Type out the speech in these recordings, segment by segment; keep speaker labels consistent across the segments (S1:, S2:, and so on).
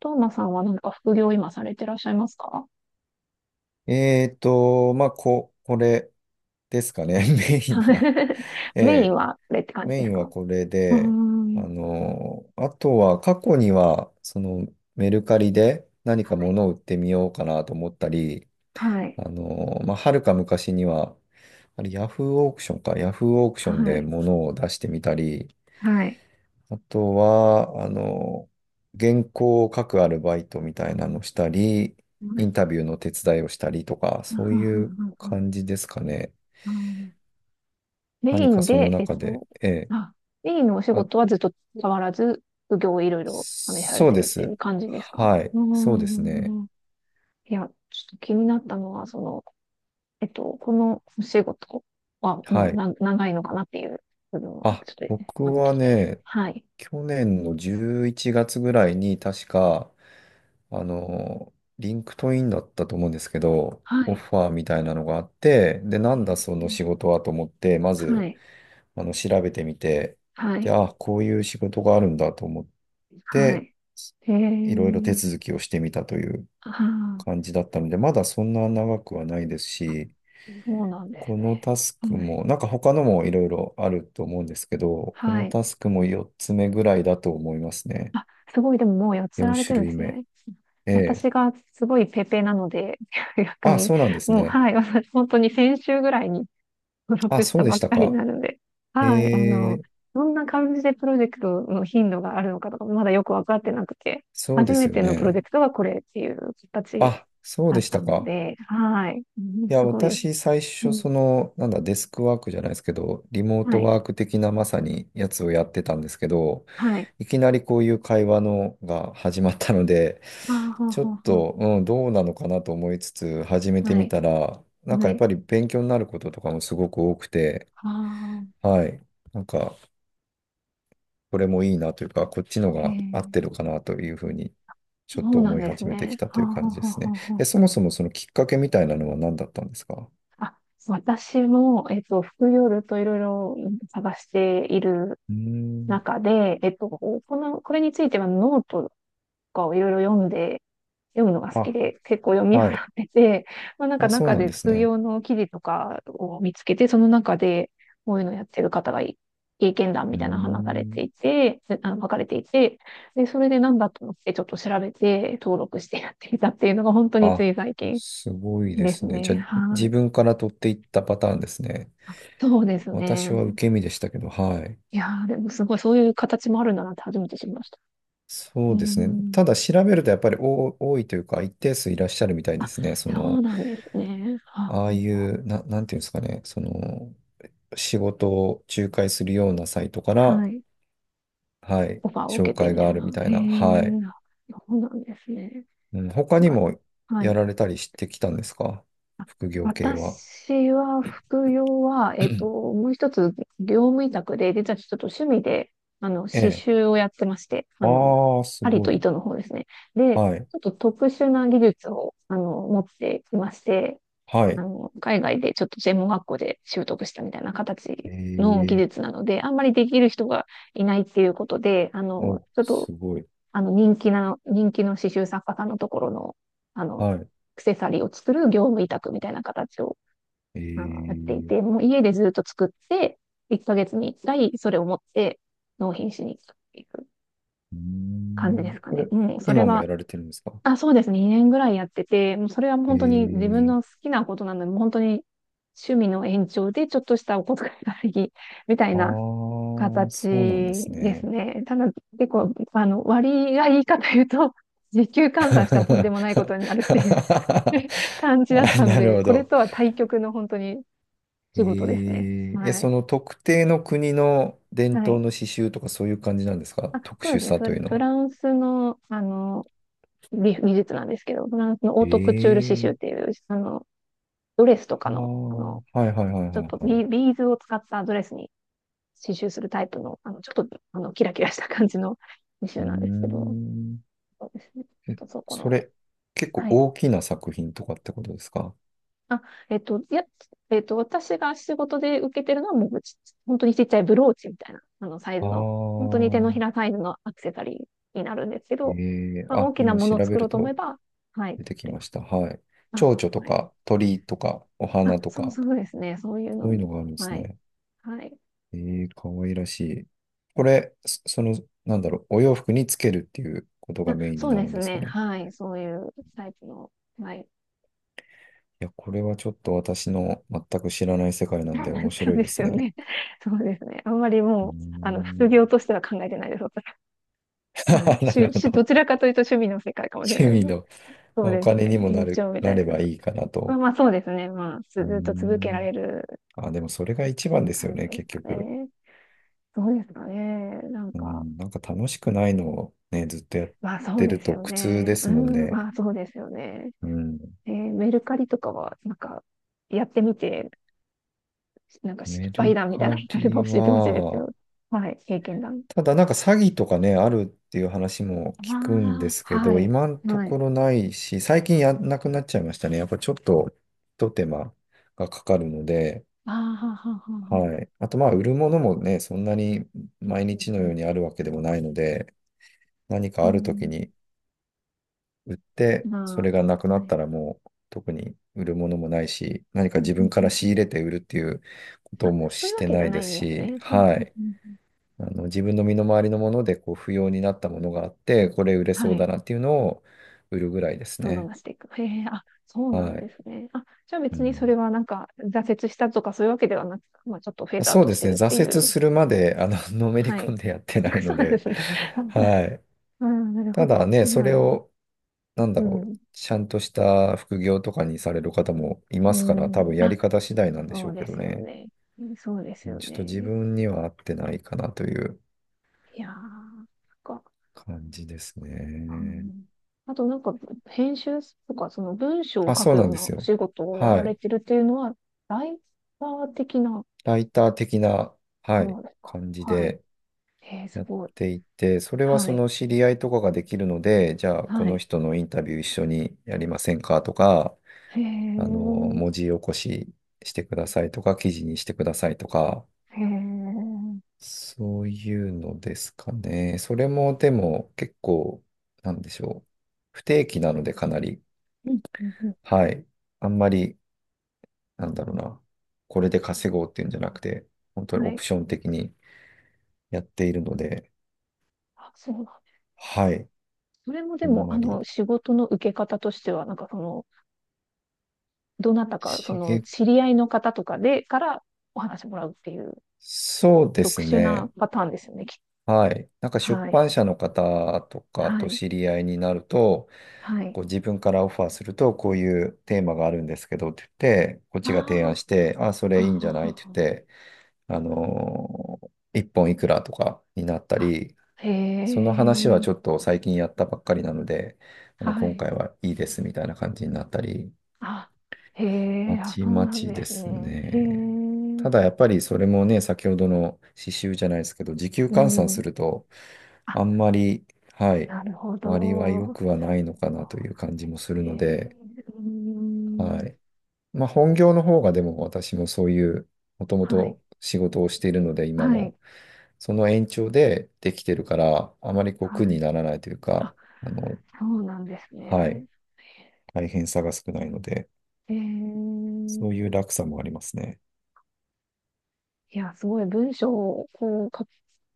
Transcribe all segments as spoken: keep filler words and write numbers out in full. S1: トーマさんはなんか副業今されてらっしゃいますか？
S2: えーと、まあ、こ、これですかね、メイン
S1: はい。
S2: は。え
S1: メイン
S2: え、
S1: はこれって感じ
S2: メ
S1: で
S2: イ
S1: す
S2: ンは
S1: か？
S2: これ
S1: うー
S2: で、あ
S1: ん。
S2: の、あとは過去には、そのメルカリで何か物を売ってみようかなと思ったり、
S1: はい。
S2: あの、まあ、はるか昔には、あれ、ヤフーオークションか、ヤフーオークシ
S1: は
S2: ョンで
S1: い。
S2: 物を出してみたり、
S1: はい。
S2: あとは、あの、原稿を書くアルバイトみたいなのしたり、
S1: は
S2: イ
S1: い。
S2: ンタビューの手伝いをしたりとか、
S1: うん
S2: そう
S1: う
S2: い
S1: ん
S2: う
S1: うんうん。
S2: 感じですかね。
S1: うん。メイ
S2: 何か
S1: ン
S2: その
S1: で、えっ
S2: 中で、
S1: と、
S2: ええ、
S1: あ、メインのお仕
S2: あ、
S1: 事はずっと変わらず、副業をいろいろ試され
S2: そう
S1: て
S2: で
S1: るってい
S2: す。
S1: う感じですか？
S2: はい。
S1: う
S2: そう
S1: ー
S2: ですね。
S1: ん。いや、ちょっと気になったのは、その、えっと、このお仕事はも
S2: は
S1: う
S2: い。
S1: な長いのかなっていう部分を
S2: あ、
S1: ちょっとま
S2: 僕
S1: ず聞
S2: は
S1: きたいです。
S2: ね、
S1: はい。
S2: 去年のじゅういちがつぐらいに確か、あの、リンクトインだったと思うんですけど、
S1: は
S2: オ
S1: い。
S2: ファーみたいなのがあって、で、な
S1: え
S2: んだ
S1: ー。
S2: その仕事はと思って、ま
S1: は
S2: ず、
S1: い、
S2: あの、調べてみて、
S1: は
S2: で、
S1: い、
S2: あ、こういう仕事があるんだと思っ
S1: は
S2: て、
S1: い。へ
S2: いろいろ手
S1: え、
S2: 続きをしてみたという
S1: あ
S2: 感じだったので、まだそんな長くはないです
S1: ー。あ、
S2: し、
S1: そうなんで
S2: こ
S1: すね。
S2: のタスク
S1: はい、
S2: も、なんか他のもいろいろあると思うんですけど、こ
S1: は
S2: の
S1: い。
S2: タスクもよっつめぐらいだと思いますね。
S1: あ、すごい、でももうやっつ
S2: よん
S1: られて
S2: 種
S1: るんで
S2: 類
S1: す
S2: 目。
S1: ね。
S2: ええ。
S1: 私がすごいペーペーなので、逆
S2: あ、
S1: に、
S2: そうなんです
S1: もう、
S2: ね。
S1: はい、私、本当に先週ぐらいに登
S2: あ、
S1: 録し
S2: そ
S1: た
S2: うで
S1: ば
S2: し
S1: っ
S2: た
S1: かり
S2: か。
S1: なので、
S2: え
S1: はい、あの、
S2: え、
S1: どんな感じでプロジェクトの頻度があるのかとか、まだよくわかってなくて、
S2: そう
S1: 初
S2: です
S1: め
S2: よ
S1: てのプロジェ
S2: ね。
S1: クトはこれっていう形
S2: あ、そう
S1: だ
S2: で
S1: っ
S2: し
S1: た
S2: た
S1: の
S2: か。
S1: で、はい。うん
S2: いや、
S1: すごいよ。
S2: 私、最
S1: う
S2: 初、
S1: ん。
S2: その、なんだ、デスクワークじゃないですけど、リモー
S1: は
S2: ト
S1: い。
S2: ワーク的なまさにやつをやってたんですけど、
S1: はい。
S2: いきなりこういう会話のが始まったので、
S1: ああ、ほう
S2: ちょ
S1: ほ
S2: っ
S1: うほう。
S2: と、うん、どうなのかなと思いつつ、始めて
S1: は
S2: み
S1: い。
S2: たら、なんか
S1: は
S2: やっ
S1: い。
S2: ぱり勉強になることとかもすごく多くて、
S1: ああ、
S2: はい、なんか、これもいいなというか、こっちの
S1: え
S2: が合ってる
S1: え。
S2: かなというふうに、ちょっ
S1: そ
S2: と
S1: うなん
S2: 思い
S1: です
S2: 始めてき
S1: ね。
S2: た
S1: ほ
S2: と
S1: う
S2: いう
S1: ほ
S2: 感
S1: う
S2: じで
S1: ほう
S2: す
S1: ほ
S2: ね。
S1: うほ
S2: え、
S1: う。
S2: そもそもそのきっかけみたいなのは何だったんですか？
S1: あ、私も、えっと、副業ずっといろいろ探している
S2: うーん。
S1: 中で、えっと、この、これについてはノートかをいろいろ読んで、読むのが好き
S2: あ、
S1: で、結構読み払
S2: はい。
S1: ってて、まあ、なんか
S2: あ、そう
S1: 中
S2: なん
S1: で
S2: です
S1: 副
S2: ね。
S1: 業の記事とかを見つけて、その中でこういうのやってる方がい経験談
S2: う
S1: み
S2: ー
S1: たいなの話されて
S2: ん。
S1: いて、であの、書かれていて、で、それでなんだと思ってちょっと調べて登録してやってみたっていうのが本当につ
S2: あ、
S1: い最近
S2: すごいで
S1: です
S2: すね。じ
S1: ね。
S2: ゃあ、
S1: は
S2: 自
S1: い。
S2: 分から取っていったパターンですね。
S1: あ、そうですね。
S2: 私は受け身でしたけど、はい。
S1: いやー、でもすごいそういう形もあるんだなって初めて知りました。
S2: そ
S1: う
S2: うですね。
S1: ん。
S2: ただ調べるとやっぱり多多いというか、一定数いらっしゃるみたいで
S1: あ、
S2: すね。そ
S1: そう
S2: の、
S1: なんですね。は。
S2: ああい
S1: あ、
S2: う、な、なんていうんですかね。その、仕事を仲介するようなサイトから、
S1: はい。
S2: はい、
S1: オファーを
S2: 紹
S1: 受けて
S2: 介
S1: みた
S2: があ
S1: い
S2: るみ
S1: な。
S2: たい
S1: へ
S2: な。
S1: え、
S2: はい。
S1: そうなんですね。
S2: うん、他に
S1: なんか、
S2: も
S1: は
S2: や
S1: い。
S2: られたりしてきたんですか？副業系は。
S1: 私は、副業は、えっと、もう一つ、業務委託で、実はちょっと趣味で、あの、
S2: え
S1: 刺
S2: え。
S1: 繍をやってまして、あの、
S2: ああ、す
S1: 針
S2: ご
S1: と
S2: い。
S1: 糸の方ですね。で、
S2: はい。
S1: ちょっと特殊な技術を、あの、持っていまして、
S2: は
S1: あ
S2: い。
S1: の、海外でちょっと専門学校で習得したみたいな形の技
S2: ええ、
S1: 術なので、あんまりできる人がいないっていうことで、あの、
S2: お、
S1: ちょっと
S2: すごい。
S1: あの、人気な、人気の刺繍作家さんのところの、あの、ア
S2: はい。
S1: クセサリーを作る業務委託みたいな形を、あの、やってい
S2: ええ。
S1: て、もう家でずっと作って、いっかげつにいっかいそれを持って納品しに行くっていう
S2: うー
S1: 感じで
S2: ん。
S1: すか
S2: これ、
S1: ね。うん、それ
S2: 今もや
S1: は、
S2: られてるんですか？
S1: あ、そうですね、にねんぐらいやってて、もうそれは本当に自分
S2: え
S1: の
S2: え。
S1: 好きなことなので、もう本当に趣味の延長でちょっとしたお小遣いがあり、みたい
S2: ああ
S1: な
S2: ー、
S1: 形
S2: そうなんです
S1: です
S2: ね。
S1: ね。ただ、結構、あの、割がいいかというと、時給換算したらとんで もないこ
S2: あ、
S1: とになるっていう 感じだったの
S2: なる
S1: で、
S2: ほ
S1: これ
S2: ど。
S1: とは対極の本当に仕事です
S2: え
S1: ね。
S2: ええ、
S1: は
S2: そ
S1: い。
S2: の特定の国の伝
S1: は
S2: 統
S1: い。
S2: の刺繍とかそういう感じなんですか？
S1: あ、
S2: 特
S1: そうで
S2: 殊
S1: すね。
S2: さと
S1: フ、
S2: いうの
S1: フ
S2: は。
S1: ランスの、あの、美、美術なんですけど、フランスのオートクチュール刺繍っ
S2: ええ。
S1: ていう、あの、ドレスと
S2: あ
S1: か
S2: あ、
S1: の、あ
S2: は
S1: の、
S2: いはいはいはい
S1: ちょっと
S2: は
S1: ビ、
S2: い。
S1: ビーズを使ったドレスに刺繍するタイプの、あの、ちょっと、あの、キラキラした感じの刺
S2: う
S1: 繍
S2: ー
S1: なんですけど、
S2: ん。
S1: そうですね。
S2: え、
S1: そこ
S2: そ
S1: の、
S2: れ、結構
S1: はい。
S2: 大きな作品とかってことですか？
S1: あ、えっと、いや、えっと、私が仕事で受けてるのはもうち、本当にちっちゃいブローチみたいな、あの、サイ
S2: あ
S1: ズ
S2: あ
S1: の、本当に手の
S2: ー、
S1: ひらサイズのアクセサリーになるんですけ
S2: え
S1: ど、
S2: ー、
S1: まあ、大
S2: あ、
S1: きな
S2: 今
S1: もの
S2: 調
S1: を
S2: べ
S1: 作ろう
S2: る
S1: と思え
S2: と
S1: ば、はい、
S2: 出
S1: 作
S2: てき
S1: れ
S2: ま
S1: ます。
S2: した。はい。蝶
S1: あ、
S2: 々と
S1: はい。
S2: か鳥とかお
S1: あ、
S2: 花と
S1: そう
S2: か、
S1: そうですね。そういうの
S2: そういう
S1: も、
S2: のがあるんです
S1: はい。
S2: ね。
S1: はい。
S2: えー、かわいらしい。これ、そその、なんだろう、お洋服につけるっていうことが
S1: あ、
S2: メインに
S1: そう
S2: なる
S1: で
S2: ん
S1: す
S2: ですか
S1: ね。
S2: ね。
S1: はい。そういうタイプの、はい。
S2: いや、これはちょっと私の全く知らない世界なんで面
S1: そう
S2: 白い
S1: で
S2: で
S1: す
S2: す
S1: よ
S2: ね。
S1: ね。そうですね。あんまり
S2: うー
S1: もう、あの、
S2: ん。
S1: 副業としては考えてないです。はい。
S2: な
S1: し
S2: る
S1: ゅ、
S2: ほ
S1: し、ど
S2: ど。
S1: ちらかというと趣味の世界かもしれ
S2: 趣
S1: ないです
S2: 味
S1: ね。
S2: の、
S1: そう
S2: まあ、お
S1: です
S2: 金に
S1: ね。
S2: もな
S1: 延
S2: る、
S1: 長みた
S2: な
S1: い
S2: れ
S1: なや
S2: ば
S1: つ。
S2: いいかな
S1: まあ
S2: と。
S1: まあそうですね。まあ、ず
S2: うー
S1: っと続けら
S2: ん。
S1: れる
S2: あ、でもそれが一番ですよ
S1: 感じ
S2: ね、
S1: で
S2: 結
S1: すか
S2: 局。
S1: ね。そうですかね。なん
S2: う
S1: か、
S2: ん。なんか楽しくないのをね、ずっとやっ
S1: まあそう
S2: て
S1: で
S2: る
S1: す
S2: と
S1: よ
S2: 苦痛で
S1: ね。う
S2: すもん
S1: ん、
S2: ね。
S1: まあそうですよね。
S2: うん。
S1: えーメルカリとかは、なんか、やってみて、なんか失
S2: メ
S1: 敗
S2: ル
S1: 談みたい
S2: カ
S1: なのがあれ
S2: リ
S1: ば教えてほしいんですけ
S2: は、
S1: ど。はい、経験談。
S2: ただなんか詐欺とかね、あるっていう話も
S1: あ
S2: 聞くんで
S1: あ、
S2: すけ
S1: は
S2: ど、
S1: い、
S2: 今のと
S1: はい。
S2: ころないし、最近やんなくなっちゃいましたね。やっぱちょっと、ひと手間がかかるので、
S1: ああ、ははははは。
S2: はい。あとまあ、売るものもね、そんなに毎
S1: う
S2: 日の
S1: ん、う
S2: よう
S1: ん、
S2: にあるわけでもないので、何か
S1: う
S2: ある時
S1: ん
S2: に売っ
S1: うん。
S2: て、それ
S1: ま
S2: がなく
S1: あ、
S2: な
S1: は
S2: っ
S1: い。
S2: たらもう特に売るものもないし、何
S1: う
S2: か
S1: ん
S2: 自
S1: う
S2: 分
S1: ん
S2: か
S1: う
S2: ら
S1: んう
S2: 仕入
S1: ん。
S2: れて売るっていうことも
S1: そうい
S2: し
S1: うわ
S2: て
S1: けじ
S2: な
S1: ゃ
S2: い
S1: な
S2: で
S1: い
S2: す
S1: んです
S2: し、
S1: ね。は。
S2: はい。あの、自分の身の回りのものでこう不要になったものがあって、これ売れ
S1: は
S2: そうだ
S1: い。
S2: なっていうのを売るぐらいです
S1: どんどん
S2: ね。
S1: 出していく。へえ、あ、そうなん
S2: はい。
S1: ですね。あ、じゃあ
S2: う
S1: 別にそれ
S2: ん、
S1: はなんか挫折したとかそういうわけではなく、まあちょっとフェードアウ
S2: そう
S1: ト
S2: で
S1: し
S2: す
S1: て
S2: ね。
S1: るって
S2: 挫
S1: い
S2: 折
S1: う。
S2: するまで、あの、のめり
S1: は
S2: 込
S1: い。
S2: んでやってない
S1: そ
S2: の
S1: うなんで
S2: で、
S1: すね。
S2: はい。
S1: うん、なるほ
S2: ただ
S1: ど。
S2: ね、
S1: う
S2: それ
S1: ん、
S2: をなんだ
S1: う
S2: ろう、
S1: ん、
S2: ちゃんとした副業とかにされる方もい
S1: う
S2: ますから、多
S1: ん。
S2: 分やり
S1: あ、
S2: 方次第なんでし
S1: そ
S2: ょ
S1: う
S2: うけ
S1: で
S2: ど
S1: すよ
S2: ね。
S1: ね。そうです
S2: うん、
S1: よ
S2: ちょっと自
S1: ね。
S2: 分には合ってないかなという
S1: いやー、そっか。
S2: 感じです
S1: う
S2: ね。
S1: ん、あとなんか、編集とか、その文章を
S2: あ、
S1: 書
S2: そ
S1: く
S2: うな
S1: よ
S2: ん
S1: う
S2: で
S1: な
S2: す
S1: お
S2: よ。
S1: 仕事をや
S2: は
S1: られ
S2: い。
S1: てるっていうのは、ライター的な。
S2: ライター的な、は
S1: そ
S2: い、
S1: うですか。
S2: 感じ
S1: はい。
S2: で
S1: えー、す
S2: やっ
S1: ごい。
S2: ていて、それは
S1: は
S2: そ
S1: い。
S2: の知り合いとかができるので、じゃあこ
S1: は
S2: の
S1: い。
S2: 人のインタビュー一緒にやりませんかとか、
S1: へえ、
S2: あの、
S1: へ
S2: 文字起こししてくださいとか、記事にしてくださいとか、
S1: え、うん
S2: そういうのですかね。それもでも結構、なんでしょう。不定期なのでかなり、
S1: うんうん。
S2: はい。あんまり、なんだろうな。これで稼ごうっていうんじゃなくて、本当に
S1: は
S2: オ
S1: い。
S2: プション的にやっているので、
S1: あ、そうなんだ。
S2: はい。
S1: それもで
S2: あん
S1: も、
S2: ま
S1: あ
S2: り、
S1: の、仕事の受け方としては、なんかその、どなたか、そ
S2: 刺
S1: の、
S2: げ、
S1: 知り合いの方とかで、からお話もらうっていう、
S2: そうで
S1: 特
S2: す
S1: 殊な
S2: ね。
S1: パターンですよね、きっ
S2: はい。なんか
S1: と。
S2: 出
S1: はい。
S2: 版社の方とか
S1: は
S2: と
S1: い。
S2: 知り合いになると、
S1: はい。
S2: こう自分からオファーすると、こういうテーマがあるんですけどって言って、こっ
S1: あ
S2: ちが提案して、あ、そ
S1: あ、あ
S2: れいいんじ
S1: は
S2: ゃないって
S1: は
S2: 言って、あのー一本いくらとかになった
S1: は。あ、
S2: り、
S1: へ
S2: その話は
S1: え、
S2: ちょっと最近やったばっかりなので、あの、
S1: は
S2: 今
S1: い。
S2: 回はいいですみたいな感じになったり、
S1: あ、へえ、
S2: ま
S1: あ、
S2: ち
S1: そう
S2: ま
S1: なん
S2: ち
S1: で
S2: で
S1: す
S2: す
S1: ね。へ
S2: ね。
S1: え。
S2: ただやっぱりそれもね、先ほどの刺繍じゃないですけど、時給
S1: う
S2: 換算す
S1: ん。
S2: ると、
S1: あ、
S2: あんまり、はい、
S1: なるほど。
S2: 割は良
S1: そ
S2: くはないのかなという感じもす
S1: う
S2: る
S1: です
S2: ので、
S1: ね。うん。
S2: はい。まあ本業の方がでも私もそういう、もとも
S1: はい。
S2: と仕事をしているので、今
S1: は
S2: も、
S1: い。
S2: その延長でできてるから、あまりこう苦
S1: は
S2: に
S1: い。
S2: ならないというか、
S1: あ、
S2: あの、
S1: そうなんです
S2: は
S1: ね。
S2: い、大変さが少ないので、
S1: えー、
S2: そういう楽さもありますね。
S1: いや、すごい文章をこう書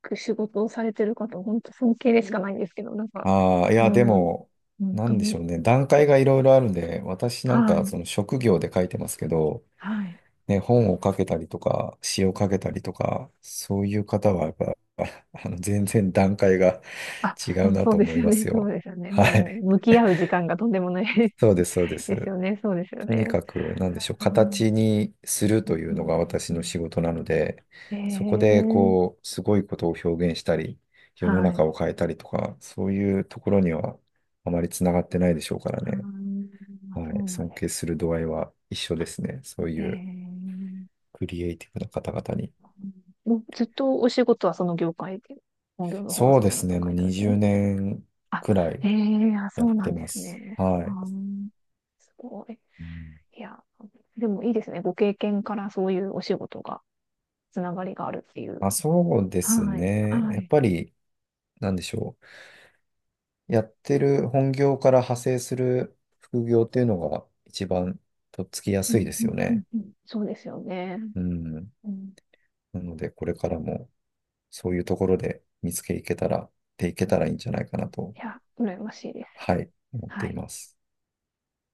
S1: く仕事をされてる方、本当尊敬でしかないんですけど、なんか、
S2: ああ、いや、で
S1: もう、
S2: も、
S1: 本
S2: な
S1: 当
S2: んでしょ
S1: に、
S2: うね。段階がいろいろあるんで、私
S1: は
S2: なんか、
S1: い、
S2: その職業で書いてますけど、
S1: はい。
S2: ね、本を書けたりとか、詩を書けたりとか、そういう方は、やっぱ、あの、全然段階が
S1: あ、
S2: 違
S1: う
S2: う
S1: ん。
S2: な
S1: そう
S2: と
S1: で
S2: 思
S1: す
S2: い
S1: よ
S2: ま
S1: ね、
S2: す
S1: そう
S2: よ。
S1: ですよね。
S2: は
S1: もう、
S2: い。
S1: 向き合う時間がとんでもない
S2: そうです、そうで
S1: です
S2: す。
S1: よね、そうですよ
S2: とに
S1: ね。
S2: かく、なんでしょう、
S1: う
S2: 形
S1: ん、
S2: にする
S1: う
S2: とい
S1: ん、
S2: う
S1: う
S2: の
S1: ん、
S2: が私
S1: う
S2: の
S1: ん。
S2: 仕事なので、
S1: う
S2: そこで、
S1: ん。えー。
S2: こう、すごいことを表現したり、世の
S1: は
S2: 中
S1: い。
S2: を変えたりとか、そういうところにはあまりつながってないでしょうから
S1: あ
S2: ね。
S1: ー。
S2: は
S1: そ
S2: い、
S1: うなん
S2: 尊
S1: で
S2: 敬する度合いは一緒ですね。そう
S1: す
S2: いう
S1: ね。
S2: クリエイティブな方々
S1: えー、
S2: に。
S1: もうずっとお仕事はその業界で、本業の方は
S2: そう
S1: そち
S2: で
S1: らの
S2: す
S1: 業
S2: ね、も
S1: 界
S2: う
S1: なんです
S2: 20
S1: ね。
S2: 年
S1: あ、
S2: くらい
S1: ええ。あ、
S2: や
S1: そう
S2: っ
S1: な
S2: て
S1: んで
S2: ま
S1: す
S2: す。
S1: ね。
S2: は
S1: あ
S2: い。
S1: ー、すごい。
S2: うん、
S1: いや、でもいいですね。ご経験からそういうお仕事が、つながりがあるっていう。
S2: あ、そうです
S1: はい、
S2: ね。
S1: は
S2: やっ
S1: い。
S2: ぱり、なんでしょう。やってる本業から派生する副業っていうのが一番とっつきや
S1: う
S2: すい
S1: ん、
S2: で
S1: う
S2: す
S1: ん、
S2: よ
S1: うん、
S2: ね。
S1: うん。そうですよね。
S2: うん。
S1: うん、
S2: なので、これからもそういうところで見つけいけたら、でいけたらいいんじゃないかなと、
S1: いや、羨ましいです。
S2: はい、思っ
S1: は
S2: てい
S1: い。
S2: ます。